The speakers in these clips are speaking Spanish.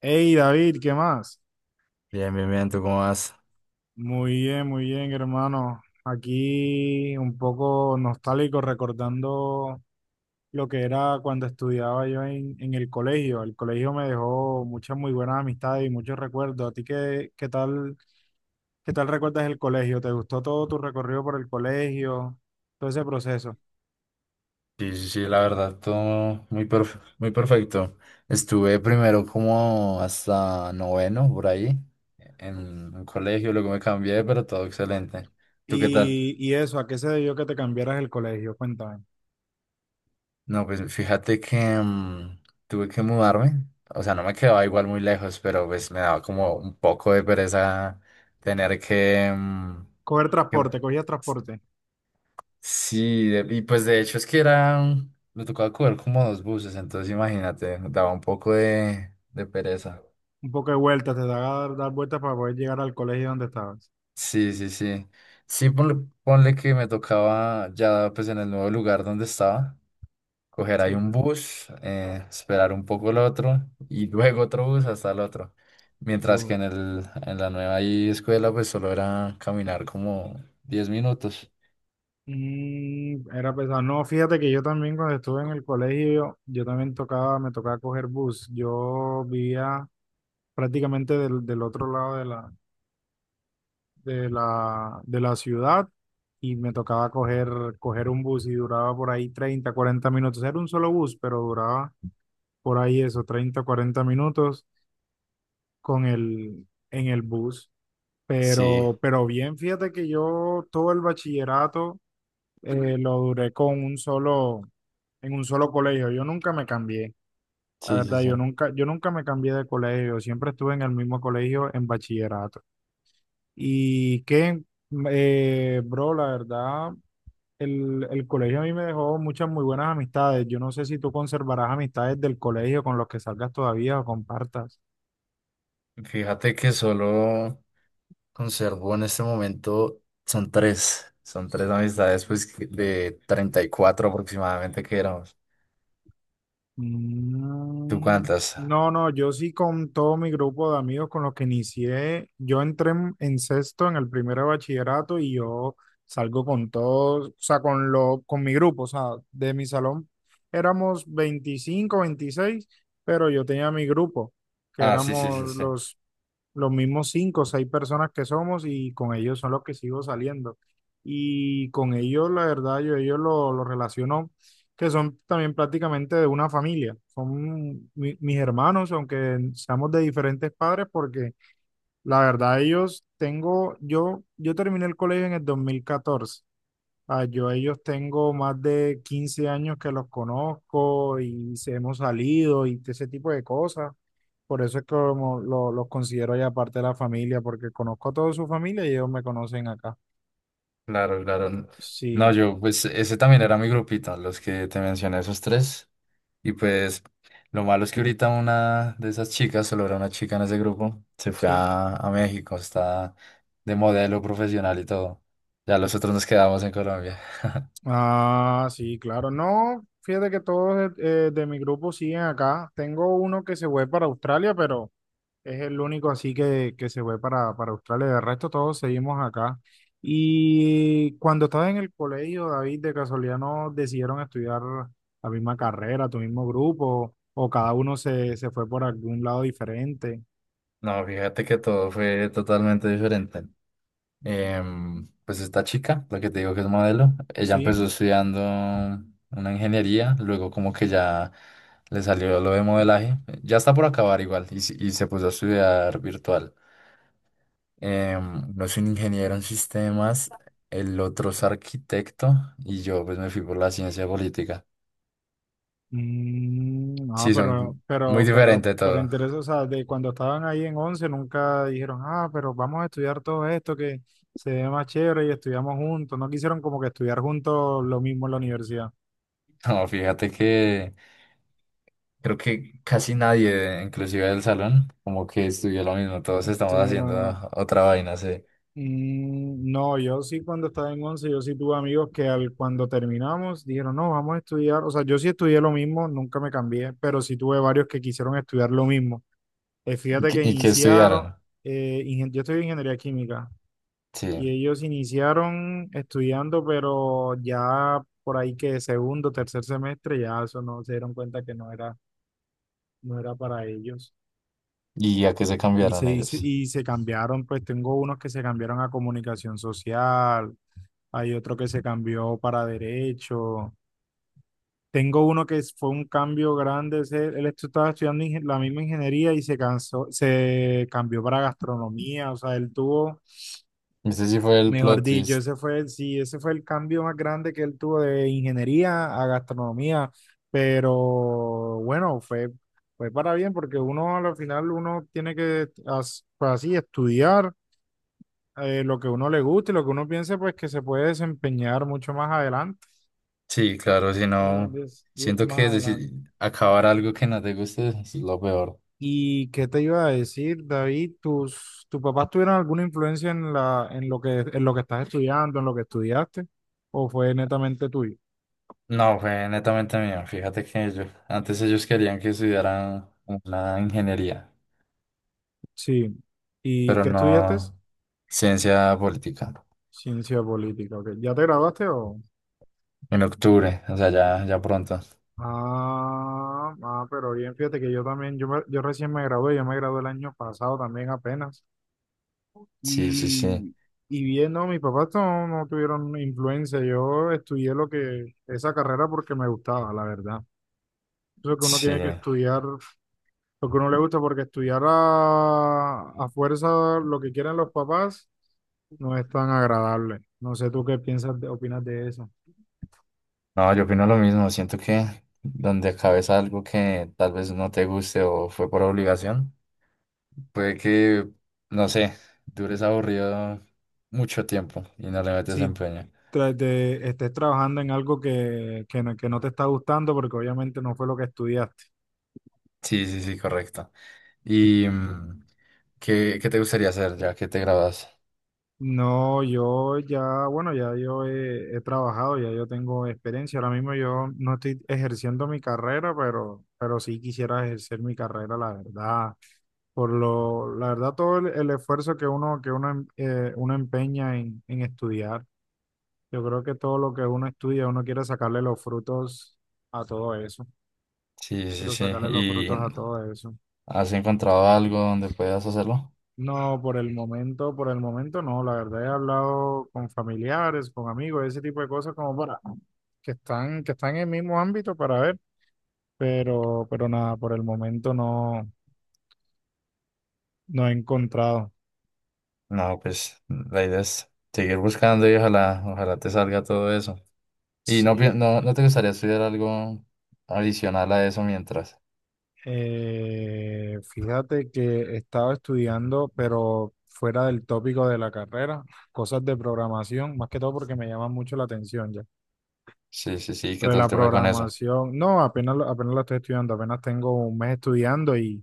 Hey David, ¿qué más? Bien, bien, bien, ¿tú cómo vas? Muy bien, hermano. Aquí un poco nostálgico, recordando lo que era cuando estudiaba yo en el colegio. El colegio me dejó muchas muy buenas amistades y muchos recuerdos. ¿A ti qué tal recuerdas el colegio? ¿Te gustó todo tu recorrido por el colegio, todo ese proceso? Sí, sí, sí, la verdad, todo muy perfecto. Estuve primero como hasta noveno, por ahí, en un colegio, luego me cambié, pero todo excelente. ¿Tú qué tal? Y eso, ¿a qué se debió que te cambiaras el colegio? Cuéntame. No, pues fíjate que tuve que mudarme, o sea, no me quedaba igual muy lejos, pero pues me daba como un poco de pereza tener que, mm, que Cogías transporte, Y pues de hecho es que era, me tocaba coger como dos buses, entonces imagínate, daba un poco de pereza. un poco de vueltas, te daba dar vueltas para poder llegar al colegio donde estabas. Sí, sí, sí. Sí, ponle que me tocaba ya pues en el nuevo lugar donde estaba, coger ahí Sí. un bus, esperar un poco el otro y luego otro bus hasta el otro. Mientras Mm. que en la nueva ahí escuela pues solo era caminar como 10 minutos. Y era pesado. No, fíjate que yo también cuando estuve en el colegio, yo también tocaba, me tocaba coger bus. Yo vivía prácticamente del otro lado de la ciudad y me tocaba coger un bus y duraba por ahí 30-40 minutos. Era un solo bus, pero duraba por ahí eso, 30-40 minutos con el, en el bus. Sí, Pero bien, fíjate que yo todo el bachillerato lo duré con un solo en un solo colegio. Yo nunca me cambié, la sí, sí, verdad, yo sí. nunca, yo nunca me cambié de colegio, siempre estuve en el mismo colegio en bachillerato. Y que, Bro, la verdad, el colegio a mí me dejó muchas muy buenas amistades. Yo no sé si tú conservarás amistades del colegio con los que salgas todavía o compartas. Fíjate que solo conservo en este momento, son tres amistades pues de 34 aproximadamente que éramos. ¿Tú Mm, cuántas? No, no, yo sí con todo mi grupo de amigos con los que inicié, yo entré en sexto en el primer bachillerato y yo salgo con todos, o sea, con mi grupo, o sea, de mi salón éramos 25-26 pero yo tenía mi grupo, que Ah, sí, sí, sí, éramos sí, los mismos cinco o seis personas que somos y con ellos son los que sigo saliendo. Y con ellos, la verdad, yo ellos lo relaciono que son también prácticamente de una familia. Son mis hermanos, aunque seamos de diferentes padres, porque la verdad yo terminé el colegio en el 2014. Ah, yo a ellos tengo más de 15 años que los conozco y se hemos salido y ese tipo de cosas. Por eso es que como los considero ya parte de la familia, porque conozco a toda su familia y ellos me conocen acá. claro, claro. No, Sí, yo pues ese también era mi grupito, los que te mencioné, esos tres. Y pues lo malo es que ahorita una de esas chicas, solo era una chica en ese grupo, se fue sí. a México, está de modelo profesional y todo. Ya los otros nos quedamos en Colombia. Ah, sí, claro. No, fíjate que todos de mi grupo siguen acá. Tengo uno que se fue para Australia, pero es el único así que se fue para Australia. De resto, todos seguimos acá. Y cuando estabas en el colegio, David, de casualidad no decidieron estudiar la misma carrera, tu mismo grupo, o cada uno se fue por algún lado diferente. No, fíjate que todo fue totalmente diferente. Pues esta chica, la que te digo que es modelo, ella empezó Sí. estudiando una ingeniería, luego como que ya le salió lo de modelaje, ya está por acabar igual y se puso a estudiar virtual. Uno es un ingeniero en sistemas, el otro es arquitecto y yo pues me fui por la ciencia política. Mm, ah, Sí, pero, son muy pero, pero, diferentes pero todo. interesa, o sea, de cuando estaban ahí en 11 nunca dijeron, ah, pero vamos a estudiar todo esto que se ve más chévere y estudiamos juntos. No quisieron como que estudiar juntos lo mismo en la universidad. No, fíjate que creo que casi nadie, inclusive del salón, como que estudió lo mismo, todos estamos Estudio haciendo la- otra vaina, sí. Mm, no, yo sí cuando estaba en 11 yo sí tuve amigos que al, cuando terminamos dijeron, no, vamos a estudiar, o sea, yo sí estudié lo mismo, nunca me cambié, pero sí tuve varios que quisieron estudiar lo mismo. Y Fíjate que, que y que iniciaron, estudiaran, yo estudié ingeniería química. sí. Y ellos iniciaron estudiando, pero ya por ahí que segundo, tercer semestre, ya eso no se dieron cuenta que no era, no era para ellos. ¿Y a qué se Y cambiaron se, y se ellos? y se cambiaron, pues tengo unos que se cambiaron a comunicación social, hay otro que se cambió para derecho. Tengo uno que fue un cambio grande, estaba estudiando la misma ingeniería y se cansó, se cambió para gastronomía, o sea, él tuvo Ese sí fue el mejor plot dicho, twist. ese fue, sí, ese fue el cambio más grande que él tuvo de ingeniería a gastronomía, pero bueno, fue, fue para bien porque uno al final uno tiene que pues, así estudiar lo que uno le gusta y lo que uno piense pues que se puede desempeñar mucho más adelante. Sí, claro, si no, siento Más que adelante. Acabar algo que no te guste es lo peor. ¿Y qué te iba a decir, David? ¿Tus papás tuvieron alguna influencia en la, en lo que estás estudiando, en lo que estudiaste, o fue netamente tuyo? No, fue netamente mío. Fíjate que ellos, antes ellos querían que estudiaran una ingeniería, Sí. ¿Y pero qué estudiaste? no ciencia política. Ciencia política, ok. ¿Ya te graduaste o...? En octubre, o sea, ya, ya pronto. Ah, ah, pero bien, fíjate que yo también, yo recién me gradué, yo me gradué el año pasado también apenas. Sí, sí, sí. Y, y bien, no, mis papás no, no tuvieron influencia, yo estudié lo que, esa carrera porque me gustaba, la verdad. Eso que uno Sí. tiene que estudiar, lo que uno le gusta, porque estudiar a fuerza lo que quieren los papás no es tan agradable. No sé tú qué piensas, opinas de eso. No, yo opino lo mismo. Siento que donde acabes algo que tal vez no te guste o fue por obligación, puede que, no sé, dures aburrido mucho tiempo y no le metes Si empeño. Estés trabajando en algo que no te está gustando, porque obviamente no fue lo que estudiaste. Sí, sí, sí, correcto. ¿Y qué te gustaría hacer ya que te grabas? No, yo ya, bueno, ya yo he trabajado, ya yo tengo experiencia. Ahora mismo yo no estoy ejerciendo mi carrera, pero sí quisiera ejercer mi carrera, la verdad. La verdad, todo el esfuerzo uno empeña en estudiar. Yo creo que todo lo que uno estudia, uno quiere sacarle los frutos a todo eso. Sí, sí, Quiero sí. sacarle los ¿Y frutos a todo eso. has encontrado algo donde puedas hacerlo? No, por el momento no. La verdad he hablado con familiares, con amigos, ese tipo de cosas como para que están en el mismo ámbito para ver, pero nada, por el momento no, he encontrado. No, pues la idea es seguir buscando y ojalá, ojalá te salga todo eso. ¿Y no, Sí, no, no te gustaría estudiar algo adicional a eso mientras? Fíjate que estaba estudiando, pero fuera del tópico de la carrera, cosas de programación, más que todo porque me llama mucho la atención ya. Sí, sí, sí, ¿qué Pero de tal la te fue con eso? programación, no, apenas, apenas la estoy estudiando, apenas tengo un mes estudiando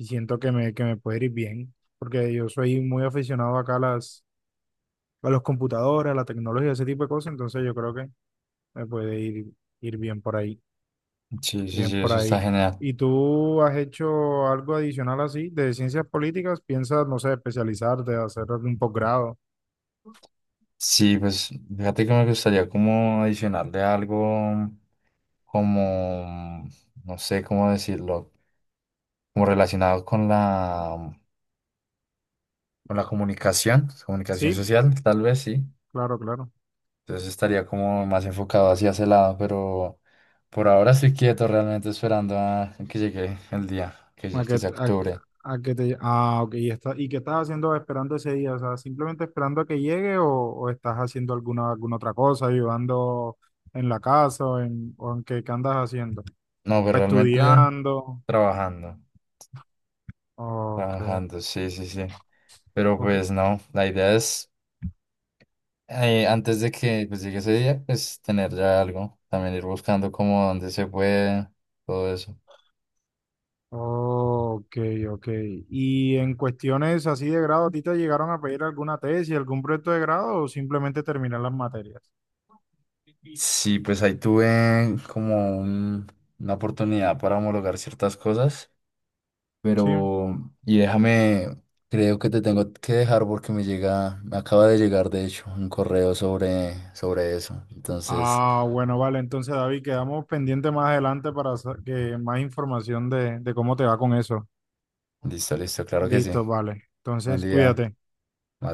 y siento que me puede ir bien, porque yo soy muy aficionado acá a a los computadores, a la tecnología, ese tipo de cosas, entonces yo creo que me puede ir bien por ahí, Sí, sí, bien sí, por eso está ahí. genial. ¿Y tú has hecho algo adicional así de ciencias políticas? ¿Piensas, no sé, especializarte, hacer algún posgrado? Sí, pues fíjate que me gustaría como adicionarle algo como, no sé cómo decirlo, como relacionado con la, comunicación, comunicación Sí, social, tal vez sí. claro, claro. Entonces estaría como más enfocado hacia ese lado, pero por ahora estoy quieto, realmente esperando a que llegue el día, que, A lle- que, que sea a, octubre. a que te... Ah, ok. ¿Y qué estás haciendo esperando ese día? O sea, ¿simplemente esperando a que llegue o estás haciendo alguna otra cosa, ayudando en la casa o en qué andas haciendo? No, pues realmente Estudiando. trabajando, Ok, trabajando, sí, sí, sí. Pero ok, pues no, la idea es, antes de que pues llegue ese día, pues tener ya algo, también ir buscando como dónde se puede, todo eso. ok, ok. ¿Y en cuestiones así de grado, a ti te llegaron a pedir alguna tesis, algún proyecto de grado o simplemente terminar las materias? Sí, pues ahí tuve como una oportunidad para homologar ciertas cosas, Sí. pero, y déjame, creo que te tengo que dejar porque me llega, me acaba de llegar de hecho un correo sobre eso. Entonces, Ah, bueno, vale. Entonces, David, quedamos pendientes más adelante para sa- que más información de cómo te va con eso. listo, listo, claro que sí. Listo, vale. Buen Entonces, día. cuídate. Vale.